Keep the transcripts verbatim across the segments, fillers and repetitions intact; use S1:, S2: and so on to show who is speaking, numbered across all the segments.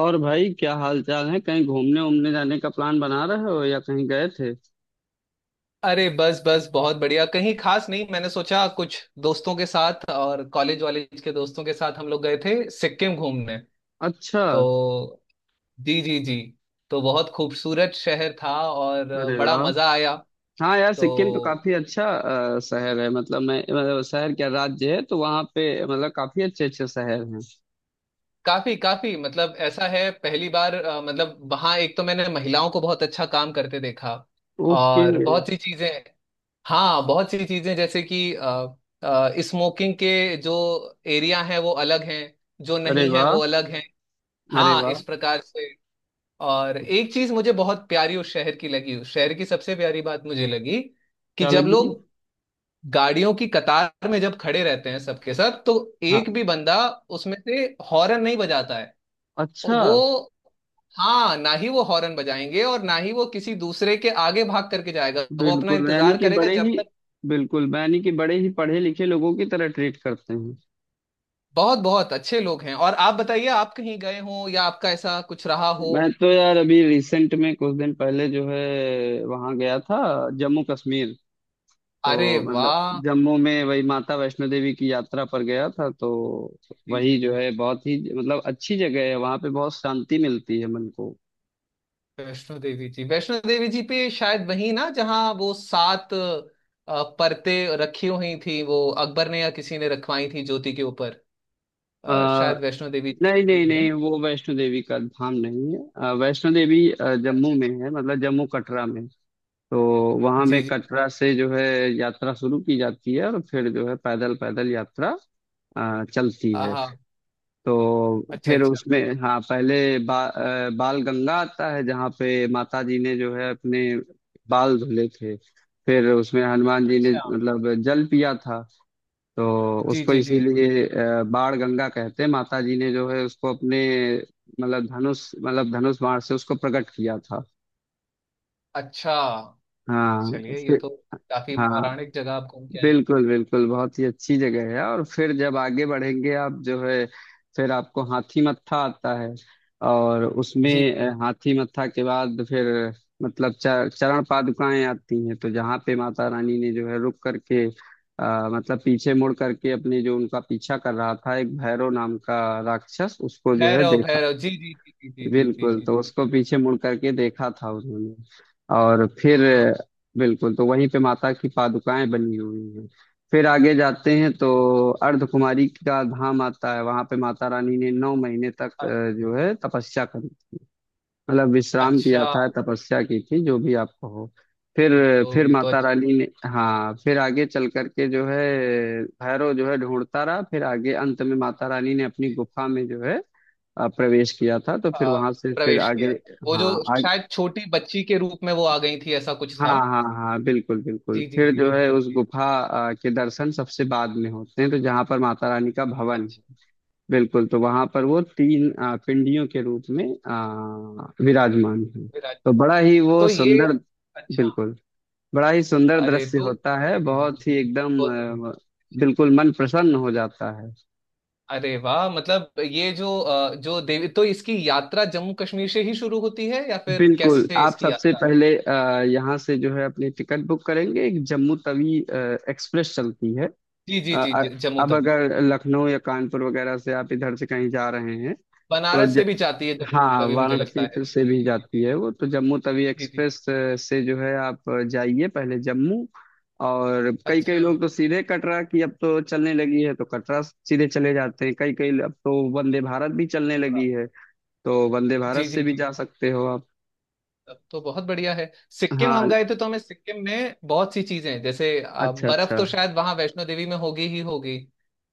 S1: और भाई, क्या हाल चाल है? कहीं घूमने उमने जाने का प्लान बना रहे हो या कहीं गए थे?
S2: अरे बस बस बहुत बढ़िया। कहीं खास नहीं। मैंने सोचा कुछ दोस्तों के साथ और कॉलेज वालेज के दोस्तों के साथ हम लोग गए थे सिक्किम घूमने।
S1: अच्छा।
S2: तो जी जी जी। तो बहुत खूबसूरत शहर था, और
S1: अरे
S2: बड़ा
S1: वाह।
S2: मजा आया।
S1: हाँ यार, सिक्किम तो
S2: तो
S1: काफी अच्छा अ, शहर है। मतलब मैं मतलब शहर क्या, राज्य है, तो वहाँ पे मतलब काफी अच्छे अच्छे शहर हैं।
S2: काफी काफी मतलब ऐसा है, पहली बार अ, मतलब वहां एक तो मैंने महिलाओं को बहुत अच्छा काम करते देखा।
S1: ओके।
S2: और बहुत सी चीजें। हाँ, बहुत सी चीजें जैसे कि स्मोकिंग के जो एरिया हैं वो अलग हैं, जो
S1: अरे
S2: नहीं है वो
S1: वाह।
S2: अलग हैं।
S1: अरे
S2: हाँ, इस
S1: वाह।
S2: प्रकार से। और एक चीज मुझे बहुत प्यारी उस शहर की लगी। उस शहर की सबसे प्यारी बात मुझे लगी कि
S1: क्या
S2: जब
S1: लगी?
S2: लोग गाड़ियों की कतार में जब खड़े रहते हैं सबके सब, तो एक
S1: हाँ।
S2: भी बंदा उसमें से हॉर्न नहीं बजाता है।
S1: अच्छा।
S2: वो हाँ, ना ही वो हॉर्न बजाएंगे, और ना ही वो किसी दूसरे के आगे भाग करके जाएगा, वो अपना
S1: बिल्कुल यानी
S2: इंतजार
S1: कि
S2: करेगा
S1: बड़े
S2: जब
S1: ही
S2: तक।
S1: बिल्कुल यानी कि बड़े ही पढ़े लिखे लोगों की तरह ट्रीट करते हैं।
S2: बहुत बहुत अच्छे लोग हैं। और आप बताइए, आप कहीं गए हो या आपका ऐसा कुछ रहा हो?
S1: मैं तो यार अभी रिसेंट में कुछ दिन पहले जो है वहां गया था, जम्मू कश्मीर।
S2: अरे
S1: तो मतलब
S2: वाह।
S1: जम्मू में वही माता वैष्णो देवी की यात्रा पर गया था। तो
S2: जी जी
S1: वही, जो
S2: जी।
S1: है, बहुत ही मतलब अच्छी जगह है, वहां पे बहुत शांति मिलती है मन को।
S2: वैष्णो देवी जी वैष्णो देवी जी पे शायद वही ना, जहाँ वो सात अ, परतें रखी हुई थी। वो अकबर ने या किसी ने रखवाई थी ज्योति के ऊपर। अ,
S1: आ,
S2: शायद वैष्णो देवी जी का
S1: नहीं
S2: ही
S1: नहीं
S2: है।
S1: नहीं, वो वैष्णो देवी का धाम नहीं है। अ, वैष्णो देवी अ, जम्मू
S2: अच्छा
S1: में
S2: अच्छा।
S1: है, मतलब जम्मू कटरा में। तो वहां में
S2: जी जी।
S1: कटरा से जो है यात्रा शुरू की जाती है, और फिर जो है पैदल पैदल यात्रा अ, चलती है।
S2: हाँ।
S1: तो
S2: अच्छा
S1: फिर
S2: अच्छा
S1: उसमें, हाँ, पहले बा, अ, बाल गंगा आता है, जहाँ पे माता जी ने जो है अपने बाल धुले थे। फिर उसमें हनुमान जी ने
S2: अच्छा।
S1: मतलब जल पिया था। तो
S2: जी
S1: उसको
S2: जी जी।
S1: इसीलिए अ, बाण गंगा कहते हैं। माता जी ने जो है उसको अपने मतलब धनुष मतलब धनुष बाण से उसको प्रकट किया था।
S2: अच्छा।
S1: हाँ।
S2: चलिए, ये
S1: फिर।
S2: तो काफी
S1: हाँ।
S2: पौराणिक जगह आप घूम के आए।
S1: बिल्कुल बिल्कुल, बहुत ही अच्छी जगह है। और फिर जब आगे बढ़ेंगे आप, जो है, फिर आपको हाथी मत्था आता है। और
S2: जी
S1: उसमें
S2: जी।
S1: अ, हाथी मत्था के बाद फिर मतलब च- चरण पादुकाएं आती हैं, तो जहाँ पे माता रानी ने जो है रुक करके आ, मतलब पीछे मुड़ करके, अपने, जो उनका पीछा कर रहा था, एक भैरव नाम का राक्षस, उसको जो है
S2: भैरव
S1: देखा।
S2: भैरव जी जी जी जी जी जी जी
S1: बिल्कुल।
S2: जी
S1: तो
S2: जी।
S1: उसको पीछे मुड़ करके देखा था उन्होंने, और फिर,
S2: हाँ।
S1: बिल्कुल, तो वहीं पे माता की पादुकाएं बनी हुई हैं। फिर आगे जाते हैं तो अर्धकुमारी का धाम आता है, वहां पे माता रानी ने नौ महीने तक
S2: अ-
S1: अ, जो है तपस्या करी, मतलब विश्राम किया
S2: अच्छा।
S1: था, तपस्या की थी, जो भी आपको हो। फिर
S2: तो
S1: फिर
S2: ये तो
S1: माता
S2: अच्छी जगह।
S1: रानी ने, हाँ, फिर आगे चल करके, जो है, भैरव जो है ढूंढता रहा। फिर आगे अंत में माता रानी ने अपनी
S2: पे,
S1: गुफा में जो है आ, प्रवेश किया था, तो फिर
S2: आ,
S1: वहां से फिर
S2: प्रवेश
S1: आगे,
S2: किया था वो, जो
S1: हाँ, आगे,
S2: शायद छोटी बच्ची के रूप में वो आ गई थी, ऐसा कुछ था।
S1: हाँ हाँ हाँ, बिल्कुल बिल्कुल,
S2: जी जी
S1: फिर
S2: जी
S1: जो
S2: जी
S1: है
S2: जी
S1: उस
S2: जी।
S1: गुफा आ, के दर्शन सबसे बाद में होते हैं, तो जहाँ पर माता रानी का भवन है।
S2: अच्छा।
S1: बिल्कुल। तो वहां पर वो तीन आ, पिंडियों के रूप में आ, विराजमान है।
S2: विराज।
S1: तो बड़ा ही वो
S2: तो ये।
S1: सुंदर,
S2: अच्छा।
S1: बिल्कुल, बड़ा ही सुंदर
S2: अरे
S1: दृश्य
S2: तो
S1: होता है,
S2: जी जी जी,
S1: बहुत ही
S2: बहुत
S1: एकदम
S2: बहुत-
S1: आ, बिल्कुल, मन प्रसन्न हो जाता है।
S2: अरे वाह, मतलब ये जो अ, जो देवी, तो इसकी यात्रा जम्मू कश्मीर से ही शुरू होती है या फिर
S1: बिल्कुल।
S2: कैसे
S1: आप
S2: इसकी
S1: सबसे
S2: यात्रा?
S1: पहले अ, यहाँ से, जो है, अपनी टिकट बुक करेंगे। एक जम्मू तवी अ, एक्सप्रेस चलती है।
S2: जी
S1: अ,
S2: जी जी
S1: अ-
S2: जी। जम्मू
S1: अब
S2: तवी।
S1: अगर लखनऊ या कानपुर वगैरह से आप इधर से कहीं जा रहे हैं, तो
S2: बनारस
S1: ज,
S2: से भी जाती है जम्मू
S1: हाँ,
S2: तवी, मुझे लगता
S1: वाराणसी
S2: है।
S1: फिर से भी
S2: जी जी
S1: जाती
S2: जी।
S1: है वो, तो जम्मू तवी
S2: जी जी।
S1: एक्सप्रेस अ, से जो है आप अ, जाइए पहले जम्मू। और कई कई
S2: अच्छा।
S1: लोग तो सीधे कटरा की, अब तो चलने लगी है तो कटरा सीधे चले जाते हैं कई कई, अब तो
S2: जी।
S1: वंदे भारत भी चलने
S2: कटरा।
S1: लगी है। तो वंदे भारत
S2: जी
S1: से
S2: जी
S1: भी
S2: जी।
S1: जा सकते हो आप।
S2: तब तो बहुत बढ़िया है। सिक्किम हम
S1: हाँ।
S2: गए थे तो हमें सिक्किम में बहुत सी चीजें, जैसे अ,
S1: अच्छा
S2: बर्फ,
S1: अच्छा।
S2: तो शायद वहां वैष्णो देवी में होगी ही होगी।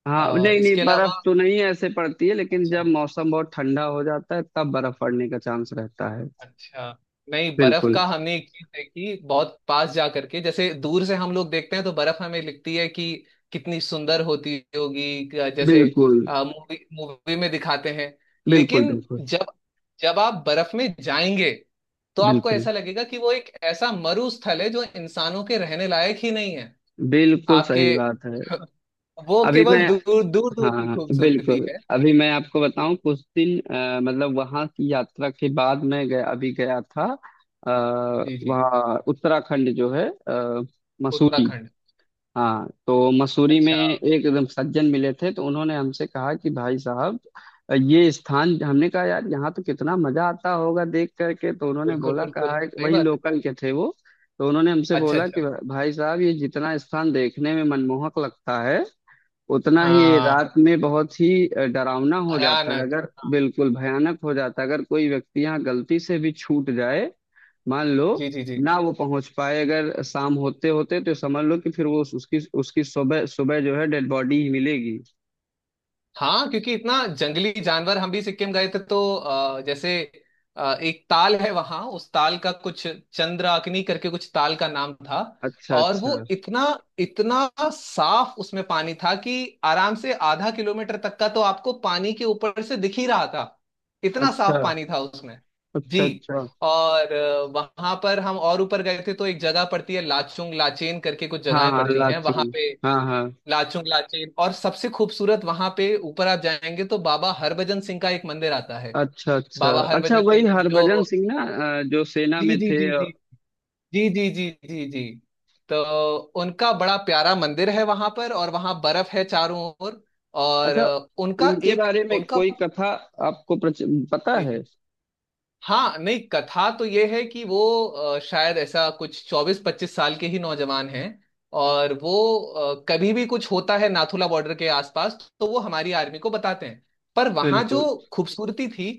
S1: हाँ,
S2: अ,
S1: नहीं
S2: इसके
S1: नहीं, बर्फ
S2: अलावा।
S1: तो नहीं ऐसे पड़ती है, लेकिन जब
S2: अच्छा
S1: मौसम बहुत ठंडा हो जाता है तब बर्फ पड़ने का चांस रहता है।
S2: अच्छा। नहीं, बर्फ
S1: बिल्कुल
S2: का हमने एक चीज देखी बहुत पास जा करके। जैसे दूर से हम लोग देखते हैं तो बर्फ हमें लिखती है कि कितनी सुंदर होती होगी, क- जैसे
S1: बिल्कुल
S2: मूवी मूवी में दिखाते हैं।
S1: बिल्कुल
S2: लेकिन
S1: बिल्कुल
S2: जब जब आप बर्फ में जाएंगे तो आपको
S1: बिल्कुल
S2: ऐसा लगेगा कि वो एक ऐसा मरु स्थल है जो इंसानों के रहने लायक ही नहीं है।
S1: बिल्कुल सही
S2: आपके
S1: बात है।
S2: वो
S1: अभी
S2: केवल
S1: मैं
S2: दूर दूर
S1: हाँ
S2: दूर की
S1: हाँ,
S2: खूबसूरती
S1: बिल्कुल,
S2: है।
S1: अभी मैं आपको बताऊं, कुछ दिन अ, मतलब वहां की यात्रा के बाद मैं गया, अभी गया था आ,
S2: जी जी।
S1: वहाँ उत्तराखंड जो है, अ, मसूरी।
S2: उत्तराखंड।
S1: हाँ, तो मसूरी में
S2: अच्छा,
S1: एक एकदम सज्जन मिले थे, तो उन्होंने हमसे कहा कि भाई साहब, ये स्थान, हमने कहा यार यहाँ तो कितना मजा आता होगा देख करके, तो उन्होंने
S2: बिल्कुल
S1: बोला,
S2: बिल्कुल
S1: कहा है कि
S2: सही
S1: वही,
S2: बात है।
S1: लोकल के थे वो, तो उन्होंने हमसे
S2: अच्छा
S1: बोला
S2: अच्छा।
S1: कि भाई साहब, ये जितना स्थान देखने में मनमोहक लगता है, उतना ही
S2: हाँ।
S1: रात में बहुत ही अ, डरावना हो जाता है,
S2: भयानक।
S1: अगर, बिल्कुल भयानक हो जाता है अगर कोई व्यक्ति यहाँ गलती से भी छूट जाए। मान लो
S2: जी जी जी।
S1: ना वो पहुंच पाए अगर शाम होते होते, तो समझ लो कि फिर वो उस- उसकी उसकी सुबह सुबह जो है डेड बॉडी ही मिलेगी।
S2: हाँ, क्योंकि इतना जंगली जानवर। हम भी सिक्किम गए थे तो अ, जैसे अ, एक ताल है वहां। उस ताल का कुछ चंद्राग्नि करके कुछ ताल का नाम था।
S1: अच्छा
S2: और वो
S1: अच्छा
S2: इतना इतना साफ उसमें पानी था कि आराम से आधा किलोमीटर तक का तो आपको पानी के ऊपर से दिख ही रहा था। इतना
S1: अच्छा
S2: साफ पानी था उसमें।
S1: अच्छा
S2: जी।
S1: अच्छा।
S2: और वहां पर हम और ऊपर गए थे तो एक जगह पड़ती है, लाचुंग लाचेन करके कुछ
S1: हाँ
S2: जगहें
S1: हाँ,
S2: पड़ती हैं वहां
S1: लाचुंग।
S2: पे।
S1: हाँ हाँ।
S2: लाचुंग लाचेन। और सबसे खूबसूरत वहां पे ऊपर आप जाएंगे तो बाबा हरभजन सिंह का एक मंदिर आता है।
S1: अच्छा अच्छा
S2: बाबा
S1: अच्छा,
S2: हरभजन
S1: वही
S2: सिंह जो।
S1: हरभजन सिंह ना, अ, जो सेना
S2: जी
S1: में
S2: जी
S1: थे।
S2: जी
S1: अ,
S2: जी जी जी जी जी जी। तो उनका बड़ा प्यारा मंदिर है वहां पर, और वहां बर्फ है चारों ओर। और
S1: अच्छा।
S2: उनका
S1: उनके
S2: एक
S1: बारे में
S2: उनका।
S1: कोई कथा आपको प्रच- पता
S2: जी
S1: है?
S2: जी। हाँ, नहीं, कथा तो ये है कि वो अ, शायद ऐसा कुछ चौबीस पच्चीस साल के ही नौजवान हैं। और वो अ, कभी भी कुछ होता है नाथुला बॉर्डर के आसपास तो वो हमारी आर्मी को बताते हैं। पर वहाँ
S1: बिल्कुल
S2: जो खूबसूरती थी,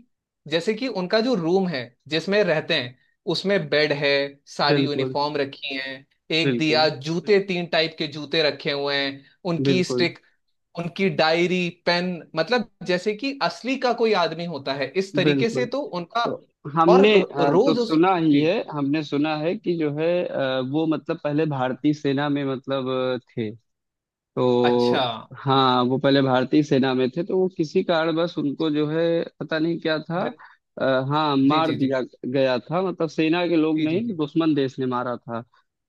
S2: जैसे कि उनका जो रूम है जिसमें रहते हैं, उसमें बेड है, सारी
S1: बिल्कुल
S2: यूनिफॉर्म रखी है, एक
S1: बिल्कुल
S2: दिया, जूते, तीन टाइप के जूते रखे हुए हैं, उनकी
S1: बिल्कुल
S2: स्टिक, उनकी डायरी पेन, मतलब जैसे कि असली का कोई आदमी होता है इस तरीके से
S1: बिल्कुल।
S2: तो उनका।
S1: तो
S2: और
S1: हमने
S2: रो-
S1: अ, तो
S2: रोज उस।
S1: सुना ही
S2: जी
S1: है, हमने सुना है कि जो है अ, वो मतलब पहले
S2: जी।
S1: भारतीय सेना में, मतलब अ, थे। तो
S2: अच्छा।
S1: हाँ, वो पहले भारतीय सेना में थे, तो वो किसी कारणवश उनको, जो है, पता नहीं क्या था।
S2: ब्रि-।
S1: आ, हाँ,
S2: जी
S1: मार
S2: जी जी
S1: दिया गया था, मतलब सेना के लोग
S2: जी जी
S1: नहीं,
S2: जी।
S1: दुश्मन देश ने मारा था।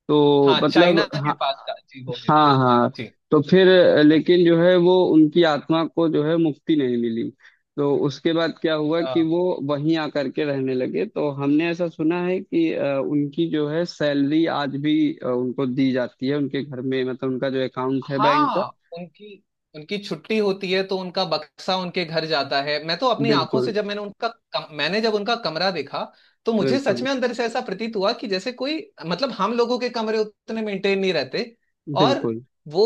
S1: तो
S2: हाँ, चाइना
S1: मतलब,
S2: के
S1: हाँ।
S2: पास का जी वो है।
S1: हाँ हाँ।
S2: जी।
S1: तो फिर अ,
S2: पास का
S1: लेकिन जो है वो, उनकी आत्मा को जो है मुक्ति नहीं मिली। तो उसके बाद क्या हुआ
S2: है।
S1: कि वो वहीं आकर के रहने लगे। तो हमने ऐसा सुना है कि अ, उनकी जो है सैलरी आज भी अ, उनको दी जाती है, उनके घर में, मतलब उनका जो अकाउंट है बैंक का।
S2: हाँ। उनकी उनकी छुट्टी होती है तो उनका बक्सा उनके घर जाता है। मैं तो अपनी आंखों से,
S1: बिल्कुल
S2: जब मैंने उनका कम, मैंने जब उनका कमरा देखा, तो मुझे सच
S1: बिल्कुल
S2: में अंदर से ऐसा प्रतीत हुआ कि जैसे कोई, मतलब हम लोगों के कमरे उतने मेंटेन नहीं रहते। और
S1: बिल्कुल।
S2: वो।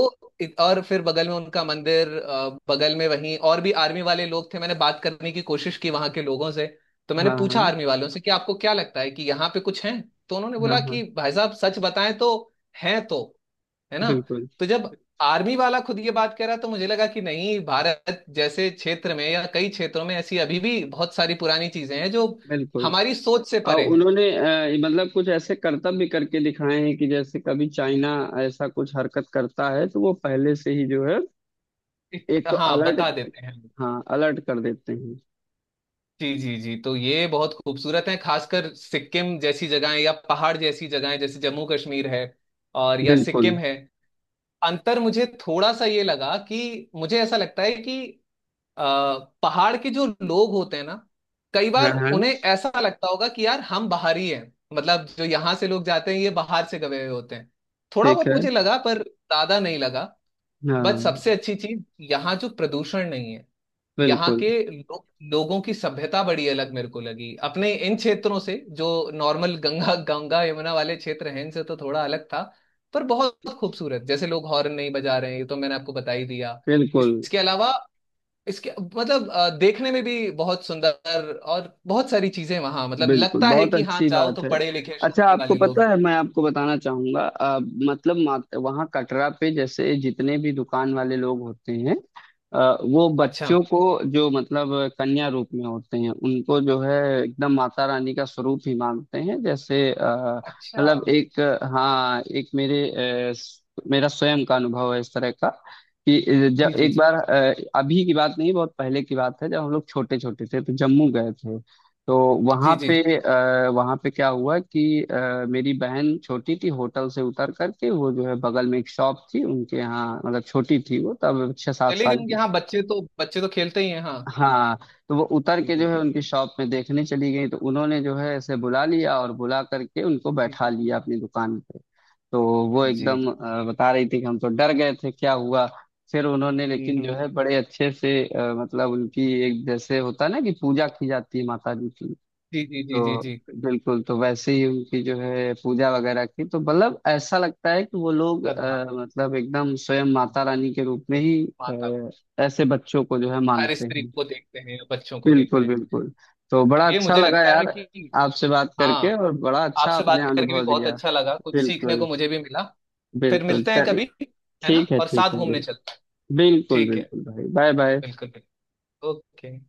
S2: और फिर बगल में उनका मंदिर, अ, बगल में वहीं, और भी आर्मी वाले लोग थे। मैंने बात करने की कोशिश की वहां के लोगों से। तो मैंने
S1: हाँ
S2: पूछा
S1: हाँ
S2: आर्मी वालों से कि आपको क्या लगता है कि यहाँ पे कुछ है? तो उन्होंने
S1: हाँ
S2: बोला
S1: हाँ।
S2: कि भाई साहब सच बताएं तो, हैं तो। है ना।
S1: बिल्कुल
S2: तो जब आर्मी वाला खुद ये बात कह रहा तो मुझे लगा कि नहीं, भारत जैसे क्षेत्र में या कई क्षेत्रों में ऐसी अभी भी बहुत सारी पुरानी चीजें हैं जो
S1: बिल्कुल।
S2: हमारी सोच से परे
S1: और
S2: हैं।
S1: उन्होंने अ, मतलब कुछ ऐसे करतब भी करके दिखाए हैं कि जैसे कभी चाइना ऐसा कुछ हरकत करता है तो वो पहले से ही जो है,
S2: एक-
S1: एक तो
S2: हाँ, बता
S1: अलर्ट,
S2: देते हैं।
S1: हाँ, अलर्ट कर देते हैं।
S2: जी जी जी। तो ये बहुत खूबसूरत है, खासकर सिक्किम जैसी जगहें या पहाड़ जैसी जगहें, जैसे जम्मू कश्मीर है और या
S1: बिल्कुल।
S2: सिक्किम है। अंतर मुझे थोड़ा सा ये लगा, कि मुझे ऐसा लगता है कि आ, पहाड़ के जो लोग होते हैं ना, कई
S1: हाँ
S2: बार
S1: हाँ।
S2: उन्हें ऐसा लगता होगा कि यार हम बाहरी हैं, मतलब जो यहाँ से लोग जाते हैं ये बाहर से गए हुए होते हैं। थोड़ा
S1: ठीक
S2: बहुत
S1: है।
S2: मुझे लगा, पर ज्यादा नहीं लगा। बट
S1: हाँ।
S2: सबसे अच्छी चीज, यहाँ जो प्रदूषण नहीं है। यहाँ
S1: बिल्कुल
S2: के लो, लोगों की सभ्यता बड़ी अलग मेरे को लगी अपने इन क्षेत्रों से, जो नॉर्मल गंगा गंगा यमुना वाले क्षेत्र हैं, इनसे तो थोड़ा अलग था। पर बहुत खूबसूरत। जैसे लोग हॉर्न नहीं बजा रहे हैं, ये तो मैंने आपको बता ही दिया।
S1: बिल्कुल
S2: इसके अलावा, इसके मतलब अ, देखने में भी बहुत सुंदर, और बहुत सारी चीजें वहां, मतलब
S1: बिल्कुल,
S2: लगता है
S1: बहुत
S2: कि हाँ
S1: अच्छी
S2: जाओ तो
S1: बात है।
S2: पढ़े लिखे
S1: अच्छा,
S2: शादी
S1: आपको
S2: वाले लोग
S1: पता
S2: हैं।
S1: है, मैं आपको बताना चाहूंगा अ, मतलब मात, वहाँ कटरा पे, जैसे जितने भी दुकान वाले लोग होते हैं, अ, वो
S2: अच्छा
S1: बच्चों को, जो मतलब कन्या रूप में होते हैं, उनको जो है एकदम माता रानी का स्वरूप ही मानते हैं, जैसे अ,
S2: अच्छा।
S1: मतलब एक, हाँ, एक मेरे अ, स- मेरा स्वयं का अनुभव है इस तरह का कि जब
S2: जी जी
S1: एक
S2: जी
S1: बार अ, अभी की बात नहीं, बहुत पहले की बात है, जब हम लोग छोटे छोटे थे तो जम्मू गए थे। तो वहां
S2: जी जी जी।
S1: पे आ, वहां पे क्या हुआ कि अ, मेरी बहन छोटी थी, होटल से उतर करके वो जो है बगल में एक शॉप थी उनके यहाँ, मतलब छोटी थी वो, तब छह सात
S2: चलिए,
S1: साल
S2: क्योंकि
S1: की
S2: हाँ
S1: थी।
S2: बच्चे तो बच्चे तो खेलते ही हैं। हाँ।
S1: हाँ, तो वो उतर
S2: जी
S1: के
S2: जी
S1: जो है
S2: जी।
S1: उनकी शॉप में देखने चली गई, तो उन्होंने जो है ऐसे बुला
S2: अच्छा।
S1: लिया और बुला करके उनको
S2: जी
S1: बैठा
S2: जी
S1: लिया अपनी दुकान पे। तो वो
S2: जी।
S1: एकदम अ, बता रही थी कि हम तो डर गए थे क्या हुआ। फिर उन्होंने,
S2: हम्म,
S1: लेकिन
S2: हम्म।
S1: जो है, बड़े अच्छे से अ, मतलब उनकी एक, जैसे होता है ना कि पूजा की जाती है माता जी की,
S2: जी जी जी जी
S1: तो
S2: जी।
S1: बिल्कुल, तो वैसे ही उनकी जो है पूजा वगैरह की, तो मतलब ऐसा लगता है कि वो लोग
S2: श्रद्धा।
S1: अ, मतलब एकदम स्वयं
S2: हम्म,
S1: माता रानी के रूप में ही
S2: माता।
S1: अ, ऐसे बच्चों को जो है
S2: हर
S1: मानते
S2: स्त्री
S1: हैं।
S2: को देखते हैं, बच्चों को
S1: बिल्कुल
S2: देखते हैं।
S1: बिल्कुल। तो बड़ा
S2: चलिए,
S1: अच्छा
S2: मुझे
S1: लगा
S2: लगता है
S1: यार,
S2: कि,
S1: आपसे बात करके,
S2: हाँ,
S1: और बड़ा अच्छा
S2: आपसे
S1: आपने
S2: बात करके भी
S1: अनुभव
S2: बहुत
S1: दिया।
S2: अच्छा लगा, कुछ सीखने को
S1: बिल्कुल
S2: मुझे भी मिला। फिर
S1: बिल्कुल,
S2: मिलते हैं
S1: चलिए,
S2: कभी। है ना?
S1: ठीक है
S2: और
S1: ठीक
S2: साथ
S1: है,
S2: घूमने
S1: बिल्कुल
S2: चलते हैं।
S1: बिल्कुल
S2: ठीक है।
S1: बिल्कुल, भाई, बाय बाय।
S2: बिल्कुल बिल्कुल। ओके।